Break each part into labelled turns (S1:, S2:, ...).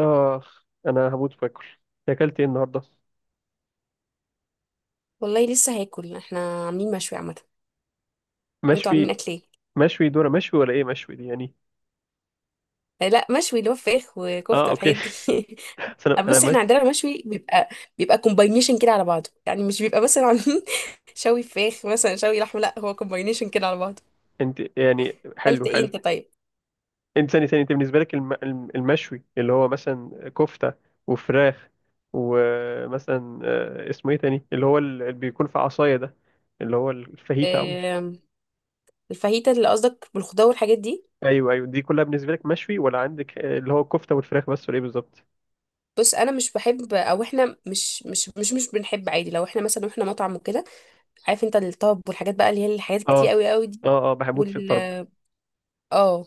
S1: آه، أنا هموت وآكل. أكلت إيه النهاردة؟
S2: والله لسه هاكل. احنا عاملين مشوي عامه. وانتوا عاملين
S1: مشوي.
S2: اكل ايه؟
S1: مشوي دورة مشوي، ولا إيه مشوي دي يعني؟
S2: آه، لا مشوي اللي هو فراخ
S1: آه،
S2: وكفته
S1: أوكي.
S2: والحاجات دي.
S1: بس أنا أنا
S2: بس
S1: مش.
S2: احنا عندنا المشوي بيبقى كومباينيشن كده على بعضه. يعني مش بيبقى مثلا عاملين شوي فراخ مثلا شوي لحمه، لا هو كومباينيشن كده على بعضه.
S1: أنت يعني
S2: اكلت
S1: حلو
S2: ايه
S1: حلو.
S2: انت طيب؟
S1: أنت ثاني ثاني، أنت بالنسبة لك المشوي اللي هو مثلا كفتة وفراخ، ومثلا اسمه إيه تاني؟ اللي هو اللي بيكون في عصاية ده، اللي هو الفاهيتا أو مش.
S2: آم، الفاهيتا اللي قصدك بالخضار والحاجات دي.
S1: أيوه أيوه، دي كلها بالنسبة لك مشوي، ولا عندك اللي هو الكفتة والفراخ بس، ولا إيه بالظبط؟
S2: بص انا مش بحب، او احنا مش بنحب عادي، لو احنا مثلا احنا مطعم وكده. عارف انت الطب والحاجات بقى، اللي هي الحاجات كتير
S1: آه،
S2: قوي قوي. دي
S1: آه، آه، بحبوت في الطرب.
S2: اه،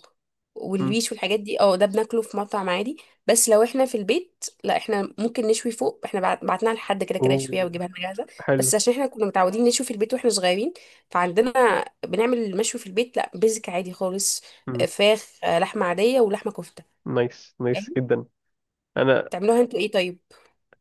S1: مم.
S2: والويش والحاجات دي اه ده بناكله في مطعم عادي. بس لو احنا في البيت لا، احنا ممكن نشوي فوق. احنا بعتناها لحد كده، كده
S1: أوه،
S2: يشويها ويجيبها لنا جاهزه.
S1: حلو.
S2: بس عشان احنا كنا متعودين نشوي في البيت واحنا صغيرين، فعندنا بنعمل المشوي في البيت، لا بيزك عادي خالص. آه، فراخ، آه، لحمه عاديه ولحمه كفته.
S1: نايس نايس
S2: فاهم.
S1: جدا. انا.
S2: تعملوها انتوا ايه طيب؟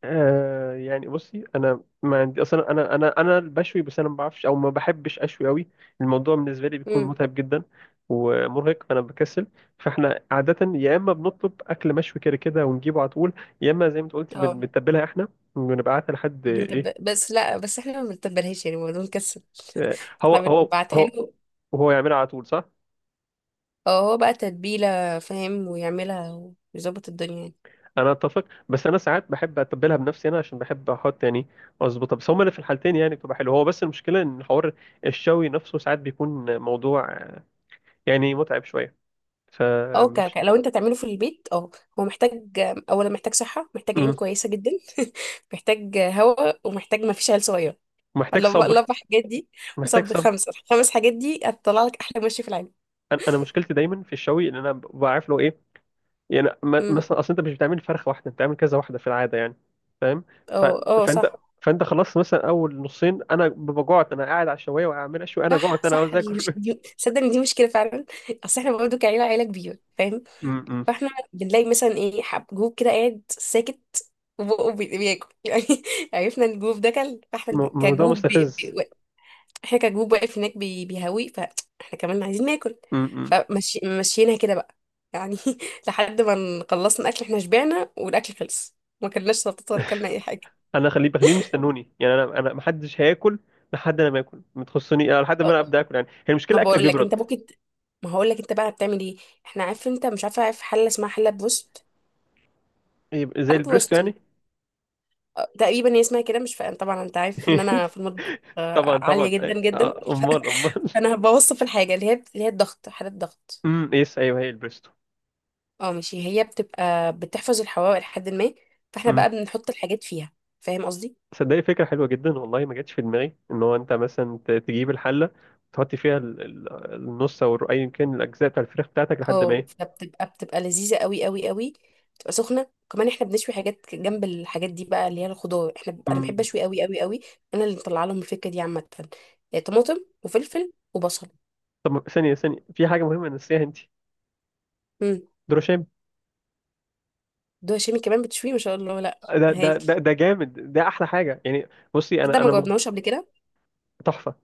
S1: يعني بصي، انا ما عندي اصلا، انا بشوي، بس انا ما بعرفش او ما بحبش اشوي قوي. الموضوع بالنسبه لي بيكون
S2: امم.
S1: متعب جدا ومرهق، فانا بكسل. فاحنا عاده يا اما بنطلب اكل مشوي كده كده ونجيبه على طول، يا اما زي ما انت قلتي
S2: اه
S1: بنتبلها احنا ونبعتها لحد ايه.
S2: بس لا، بس احنا ما بنتبلهاش، يعني الموضوع مكسل.
S1: آه، هو
S2: احنا
S1: هو
S2: بنبعتها
S1: هو.
S2: له.
S1: وهو يعملها على طول، صح.
S2: اه هو بقى تتبيله، فاهم، ويعملها ويظبط الدنيا يعني.
S1: انا اتفق، بس انا ساعات بحب اتبلها بنفسي انا، عشان بحب احط يعني، اظبطها، بس هما اللي في الحالتين يعني بتبقى حلوه. هو بس المشكله ان حوار الشوي نفسه ساعات بيكون موضوع، يعني متعب شويه،
S2: اه
S1: فمش.
S2: لو انت تعمله في البيت، اه هو محتاج، اولا محتاج صحه، محتاج عين
S1: امم.
S2: كويسه جدا، محتاج، هواء، ومحتاج ما فيش عيل صغير.
S1: محتاج
S2: الاربع
S1: صبر.
S2: الاربع حاجات دي.
S1: محتاج
S2: وصب
S1: صبر.
S2: خمسه، الخمس حاجات دي هتطلع لك احلى مشي في العالم.
S1: انا، أنا مشكلتي دايما في الشوي ان انا بعرف له ايه، يعني
S2: امم،
S1: مثلا اصل انت مش بتعمل فرخه واحده، انت بتعمل كذا واحده في العاده يعني. فاهم. ف...
S2: اه اه،
S1: فانت،
S2: صح
S1: فانت خلصت مثلا اول نصين، انا ببقى جوعت، انا قاعد على الشوايه واعمل اشوي، انا
S2: صح
S1: جوعت، انا
S2: صح.
S1: عاوز
S2: اللي مش
S1: اكل.
S2: دي، صدق ان دي مشكله فعلا. اصل احنا برضه كعيله، عيله كبيره، فاهم.
S1: م- م.
S2: فاحنا بنلاقي مثلا ايه، حب جروب كده قاعد ساكت، وبقه بياكل يعني. عرفنا ان الجروب ده كل، فاحنا
S1: موضوع
S2: كجروب،
S1: مستفز.
S2: احنا كجروب واقف هناك بيهوي، فاحنا كمان عايزين ناكل.
S1: امم.
S2: فمشيناها كده بقى، يعني لحد ما خلصنا اكل. احنا شبعنا والاكل خلص، ما كلناش سلطات ولا كلنا اي حاجه.
S1: انا خليهم يستنوني، يعني انا محدش هياكل لحد انا ما اكل ما تخصني انا، لحد ما انا
S2: أه،
S1: ابدا اكل، يعني هي
S2: ما
S1: المشكله اكل
S2: بقول لك انت
S1: بيبرد.
S2: ممكن ما هقول لك انت بقى بتعمل ايه. احنا عارف انت مش عارفه. عارف حله اسمها حله بوست؟
S1: يبقى زي
S2: حله بوست
S1: البريستو
S2: دي،
S1: يعني.
S2: أه، تقريبا هي اسمها كده، مش فاهم طبعا، انت عارف ان انا في المطبخ
S1: طبعا
S2: عاليه
S1: طبعا.
S2: جدا جدا.
S1: آه، امال امال.
S2: فانا بوصف الحاجه اللي هي الضغط، حاله الضغط.
S1: امم، يس، ايوه هي البريستو.
S2: اه ماشي، هي بتبقى بتحفظ الحواوي لحد ما. فاحنا
S1: امم،
S2: بقى بنحط الحاجات فيها، فاهم قصدي.
S1: صدقني فكره حلوه جدا، والله ما جاتش في دماغي ان هو انت مثلا تجيب الحله، تحط فيها النص او ايا كان الاجزاء بتاع الفراخ بتاعتك لحد ما
S2: اه
S1: ايه.
S2: فبتبقى لذيذة قوي قوي قوي. بتبقى سخنة كمان. احنا بنشوي حاجات جنب الحاجات دي بقى، اللي هي الخضار. احنا انا بحب
S1: امم.
S2: اشوي قوي قوي قوي. انا اللي مطلعه لهم الفكرة دي عامة، يعني طماطم وفلفل وبصل.
S1: طب ثانيه ثانيه، في حاجه مهمه نسيها انت.
S2: امم
S1: دروشيم.
S2: دول هشامي كمان بتشوي ما شاء الله لا.
S1: ده ده
S2: هايل.
S1: ده ده جامد، ده احلى حاجه يعني. بصي
S2: ده
S1: انا،
S2: ما
S1: ما.
S2: جاوبناهوش قبل كده.
S1: تحفة.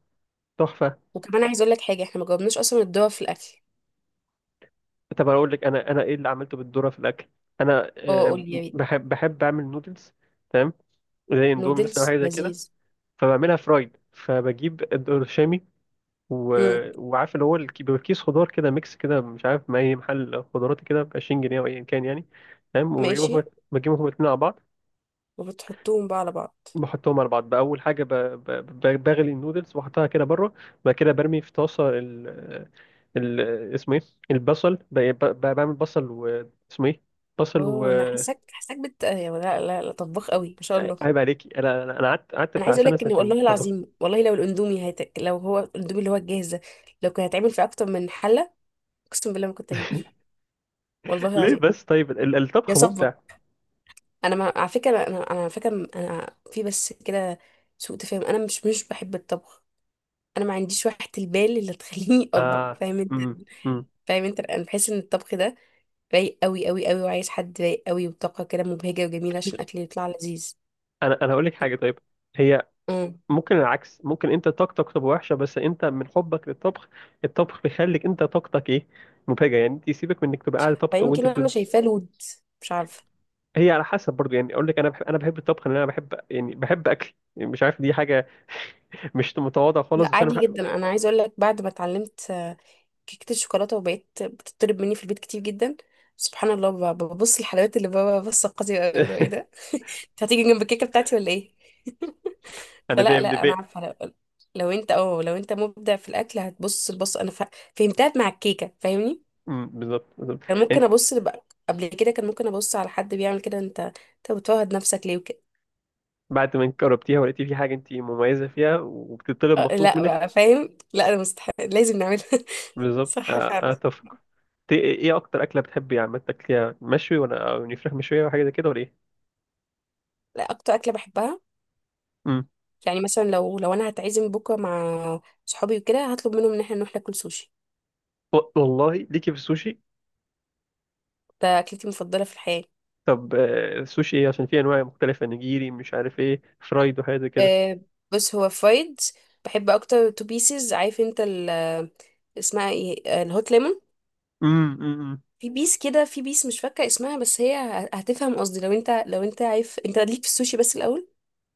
S1: تحفة.
S2: وكمان عايز اقول لك حاجة، احنا ما جاوبناش اصلا الدوا في الاكل.
S1: طب أقول لك أنا، إيه اللي عملته بالذرة في الأكل. أنا،
S2: اه قول لي يا بيه.
S1: بحب أعمل نودلز. تمام. زي اندومي مثلا أو
S2: نودلز
S1: حاجة زي كده.
S2: لذيذ.
S1: فبعملها فرايد، فبجيب الشامي و.
S2: امم.
S1: وعارف اللي هو بيبقى كيس خضار كده ميكس كده، مش عارف ما أي محل خضارات كده ب 20 جنيه أو أيا كان يعني. تمام
S2: ماشي.
S1: وبجيبهم. بجيبهم الاتنين على بعض.
S2: وبتحطوهم بقى على بعض.
S1: بحطهم على بعض. بأول حاجة بغلي النودلز وأحطها كده بره. بعد كده برمي في طاسة ال، ال، اسمه إيه؟ البصل بعمل بصل و، اسمه إيه؟ بصل و.
S2: اه انا حاساك بت يا، لا لا لا، طباخ قوي ما شاء الله.
S1: عيب عليكي، أنا قعدت
S2: انا
S1: بتاع
S2: عايزه اقول
S1: سنة
S2: لك ان،
S1: سنتين
S2: والله
S1: طبخ.
S2: العظيم، والله لو الاندومي لو هو الاندومي اللي هو الجاهز ده لو كان هيتعمل في اكتر من حله، اقسم بالله ما كنت هجيبه. والله
S1: ليه
S2: العظيم.
S1: بس؟ طيب
S2: يا
S1: الطبخ ممتع.
S2: صبك، انا ما... على فكره، انا على فكره، انا في بس كده سوء تفاهم، انا مش بحب الطبخ. انا ما عنديش وحده البال اللي تخليني اطبخ،
S1: آه.
S2: فاهم انت.
S1: أمم. أمم.
S2: فاهم انت، انا بحس ان الطبخ ده رايق قوي قوي قوي، وعايز حد رايق قوي وطاقه كده مبهجه وجميله عشان الاكل يطلع لذيذ.
S1: أنا هقول لك حاجة، طيب. هي ممكن العكس، ممكن أنت طاقتك تبقى وحشة، بس أنت من حبك للطبخ، الطبخ بيخليك أنت طاقتك إيه، مبهجة يعني، أنت يسيبك من إنك تبقى قاعد طبخ
S2: فيمكن
S1: وأنت
S2: انا
S1: بتدرس.
S2: شايفاه لود، مش عارفه.
S1: هي على حسب برضو يعني، اقول لك انا بحب الطبخ، لان انا بحب، يعني بحب اكل يعني، مش عارف، دي حاجه مش متواضعه خالص،
S2: لا
S1: بس انا
S2: عادي
S1: بحب.
S2: جدا، انا عايزه اقول لك بعد ما اتعلمت كيكه الشوكولاته وبقيت بتطلب مني في البيت كتير جدا، سبحان الله، ببص الحلويات، اللي بابا بص قاسي قوي لو ايه ده. انت هتيجي جنب الكيكه بتاعتي ولا ايه؟
S1: انا بيه،
S2: فلا
S1: ابن
S2: لا، انا
S1: بيه.
S2: عارفه لو انت مبدع في الاكل هتبص. البص انا فهمتها مع الكيكه، فاهمني.
S1: أمم، بالظبط بالظبط.
S2: كان ممكن
S1: يعني
S2: ابص بقى قبل كده، كان ممكن ابص على حد بيعمل كده. انت بتفوهد نفسك ليه وكده.
S1: بعد ما جربتيها ولقيتي في حاجه انت مميزه فيها، وبتطلب
S2: آه،
S1: مخصوص
S2: لا
S1: منك.
S2: بقى فاهم، لا انا مستحيل لازم نعملها.
S1: بالظبط،
S2: صح فعلا.
S1: اتفق. ايه اكتر اكله بتحبي عامه تاكليها، مشوي ولا، أو يعني فراخ مشويه، ولا حاجه زي كده، ولا ايه؟
S2: لا اكتر اكله بحبها،
S1: أمم.
S2: يعني مثلا لو انا هتعزم بكره مع صحابي وكده، هطلب منهم ان احنا نروح ناكل سوشي.
S1: و- والله ليكي في السوشي.
S2: ده اكلتي المفضله في الحياه.
S1: طب السوشي ايه؟ عشان في انواع مختلفه، نجيري، مش عارف ايه، فرايد وحاجات زي كده.
S2: أه بص هو فرايد. بحب اكتر تو بيسز. عارف انت ال، اسمها ايه، الهوت ليمون.
S1: امم،
S2: في بيس كده، في بيس مش فاكره اسمها، بس هي هتفهم قصدي، لو انت لو انت عارف انت ليك في السوشي بس الاول.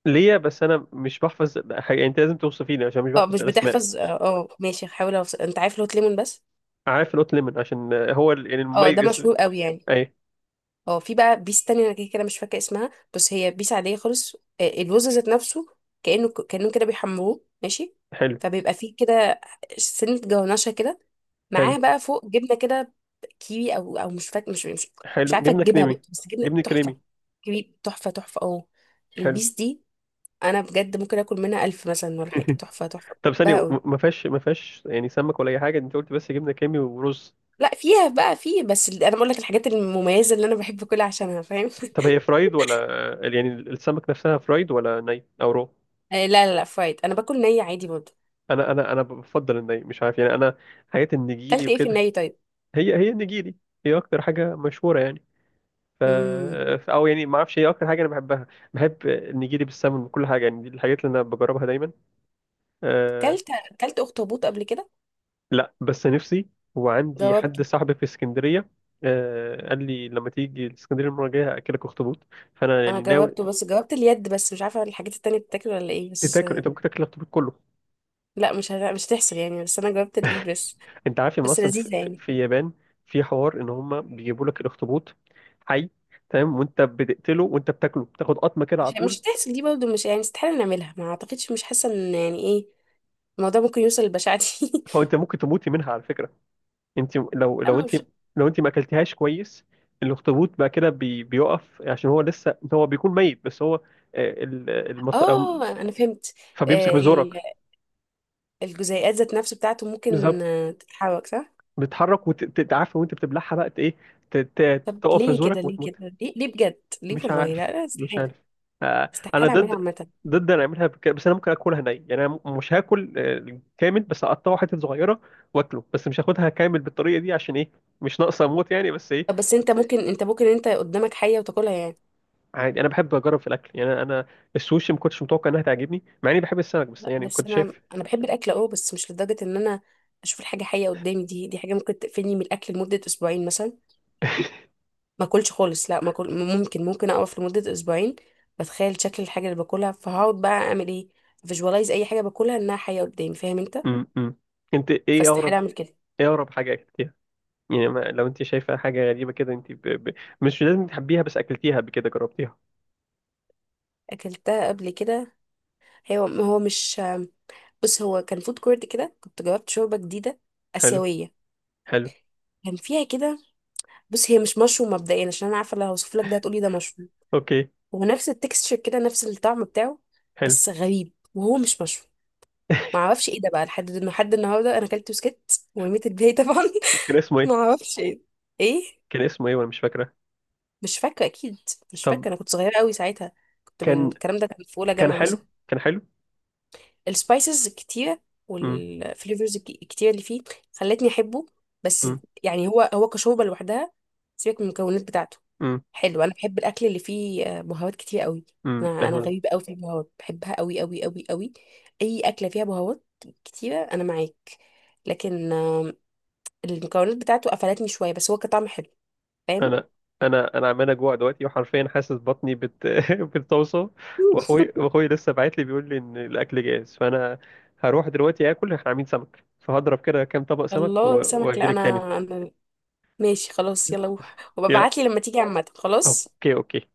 S1: ليا، بس انا مش بحفظ حاجه يعني، انت لازم توصفيني عشان مش
S2: اه،
S1: بحفظ
S2: مش
S1: الاسماء.
S2: بتحفظ، اه ماشي هحاول أوصل. انت عارف الهوت ليمون بس،
S1: عارف القط ليمون عشان هو يعني
S2: اه ده
S1: المميز.
S2: مشهور قوي يعني.
S1: اي،
S2: اه، في بقى بيس تانية، انا كده كده مش فاكره اسمها، بس هي بيس عاديه خالص، الرز ذات نفسه، كانه كانهم كده بيحمروه ماشي.
S1: حلو
S2: فبيبقى فيه كده سنه جونشه كده،
S1: حلو
S2: معاها بقى فوق جبنه كده، كيوي او مش فاكر مش
S1: حلو.
S2: عارفه
S1: جبنه
S2: تجيبها
S1: كريمي.
S2: برضه، بس جبنه
S1: جبنه
S2: تحفه،
S1: كريمي.
S2: كيوي، تحفه تحفه اه.
S1: حلو.
S2: البيس دي، انا بجد ممكن اكل منها الف مثلا ولا حاجه، تحفه تحفه،
S1: طب ثانيه،
S2: بحبها قوي.
S1: ما فيهاش يعني سمك ولا اي حاجه؟ انت قلت بس جبنه كريمي ورز.
S2: لا فيها بقى، فيه بس انا بقول لك الحاجات المميزه اللي انا بحب اكلها عشانها، فاهم.
S1: طب هي فرايد، ولا يعني السمك نفسها فرايد ولا ني او رو؟
S2: آه، لا لا لا، فرايد، انا باكل نيه عادي برضه.
S1: انا بفضل الني، مش عارف يعني، انا حاجات النجيري
S2: كلت ايه في
S1: وكده.
S2: الني طيب؟
S1: هي النجيري هي اكتر حاجه مشهوره يعني. ف...
S2: امم.
S1: او يعني ما اعرفش، هي اكتر حاجه انا بحبها، بحب النجيلي بالسمن وكل حاجه يعني، دي الحاجات اللي انا بجربها دايما. أه.
S2: كلت كلت اخطبوط قبل كده؟
S1: لا، بس نفسي، وعندي حد
S2: جاوبته.
S1: صاحبي في اسكندريه. أه، قال لي لما تيجي اسكندريه المره الجايه هاكلك اخطبوط، فانا
S2: انا
S1: يعني ناوي.
S2: جاوبته بس، جاوبت اليد بس، مش عارفه الحاجات التانية بتاكل ولا ايه بس.
S1: تاكل، انت ممكن تاكل الاخطبوط كله.
S2: لا مش هتحصل يعني، بس انا جاوبت الايد بس.
S1: انت عارف ان
S2: بس
S1: اصلا في,
S2: لذيذه
S1: في,
S2: يعني.
S1: في اليابان في حوار ان هم بيجيبوا لك الاخطبوط حي، تمام، وانت بتقتله وانت بتاكله، بتاخد قطمه كده على
S2: مش
S1: طول.
S2: مش هتحصل دي برضه، مش يعني، استحاله نعملها، ما اعتقدش، مش حاسه ان يعني ايه، الموضوع ممكن يوصل للبشاعه دي.
S1: هو انت ممكن تموت منها على فكره، انت لو لو
S2: اما
S1: انت
S2: مش.
S1: لو انت ما اكلتهاش كويس، الاخطبوط بقى كده بي بيقف عشان هو لسه، هو بيكون ميت، بس هو آه، ال- المط... أو-
S2: اه انا فهمت.
S1: فبيمسك
S2: آه،
S1: بزورك.
S2: ال- الجزيئات ذات نفسه بتاعته ممكن
S1: بالظبط،
S2: تتحرك صح.
S1: بتتحرك وتتعافى وانت بتبلعها بقى، ايه،
S2: طب
S1: تقف في
S2: ليه كده،
S1: زورك
S2: ليه
S1: وتموت.
S2: كده، ليه ليه بجد ليه،
S1: مش
S2: والله لا
S1: عارف،
S2: لا،
S1: مش
S2: استحاله،
S1: عارف. انا
S2: استحاله اعملها
S1: ضد،
S2: عامه.
S1: ضد انا اعملها بس انا ممكن اكلها ني يعني، انا مش هاكل كامل، بس اقطعه حتت صغيره واكله، بس مش هاخدها كامل بالطريقه دي عشان ايه، مش ناقصه اموت يعني، بس ايه.
S2: بس انت ممكن انت قدامك حية وتاكلها يعني.
S1: عادي، انا بحب اجرب في الاكل يعني، انا السوشي ما كنتش متوقع انها تعجبني مع اني بحب السمك، بس
S2: لا
S1: يعني
S2: بس
S1: كنت
S2: انا
S1: شايف.
S2: انا بحب الاكل اه، بس مش لدرجة ان انا اشوف الحاجة حية قدامي، دي حاجة ممكن تقفلني من الاكل لمدة اسبوعين مثلا، ما اكلش خالص لا ما أكل. ممكن اقف لمدة اسبوعين بتخيل شكل الحاجة اللي باكلها، فهقعد بقى اعمل ايه، فيجوالايز اي حاجة باكلها انها حية قدامي، فاهم انت.
S1: امم. انت ايه
S2: فاستحيل
S1: اغرب،
S2: اعمل كده.
S1: ايه اغرب حاجه اكلتيها؟ يعني ما لو انت شايفه حاجه غريبه كده، انت مش لازم تحبيها، بس اكلتيها قبل كده، جربتيها.
S2: اكلتها قبل كده. هي هو مش بص هو كان فود كورت كده، كنت جربت شوربة جديدة
S1: حلو.
S2: آسيوية.
S1: حلو.
S2: كان فيها كده، بص هي مش مشروم مبدئيا، عشان انا عارفه لو هوصف لك ده هتقولي ده مشروم.
S1: اوكي.
S2: هو نفس التكستشر كده، نفس الطعم بتاعه،
S1: حلو.
S2: بس غريب وهو مش مشروم. ما اعرفش ايه ده بقى لحد لحد النهارده. انا اكلت بسكت ورميت الباقي طبعا.
S1: كان اسمه
S2: ما
S1: ايه؟
S2: اعرفش ايه، ايه،
S1: كان اسمه ايه وانا مش فاكره.
S2: مش فاكره اكيد. مش
S1: طب
S2: فاكره انا كنت صغيره قوي ساعتها، كنت من
S1: كان
S2: الكلام ده، كان في اولى
S1: كان
S2: جامعه مثلا.
S1: حلو، كان حلو.
S2: السبايسز الكتيره
S1: امم.
S2: والفليفرز الكتيره اللي فيه خلتني احبه بس.
S1: امم.
S2: يعني هو كشوربه لوحدها، سيبك من المكونات بتاعته.
S1: امم.
S2: حلو، انا بحب الاكل اللي فيه بهارات كتير قوي.
S1: امم.
S2: انا غريبه قوي في البهارات، بحبها قوي قوي قوي قوي. اي اكله فيها بهارات كتيره انا معاك، لكن المكونات بتاعته قفلتني شويه، بس هو كطعم حلو. فاهم.
S1: انا انا عمال اجوع دلوقتي، وحرفيا حاسس بطني بتوصى.
S2: مم.
S1: واخوي لسه باعت لي بيقول لي ان الاكل جاهز، فانا هروح دلوقتي اكل. احنا عاملين سمك، فهضرب كده كام طبق سمك و.
S2: الله سمك،
S1: واجي
S2: لا
S1: لك تاني.
S2: انا. ماشي خلاص، يلا روح،
S1: يلا.
S2: وببعتلي لما تيجي عامه خلاص.
S1: اوكي اوكي.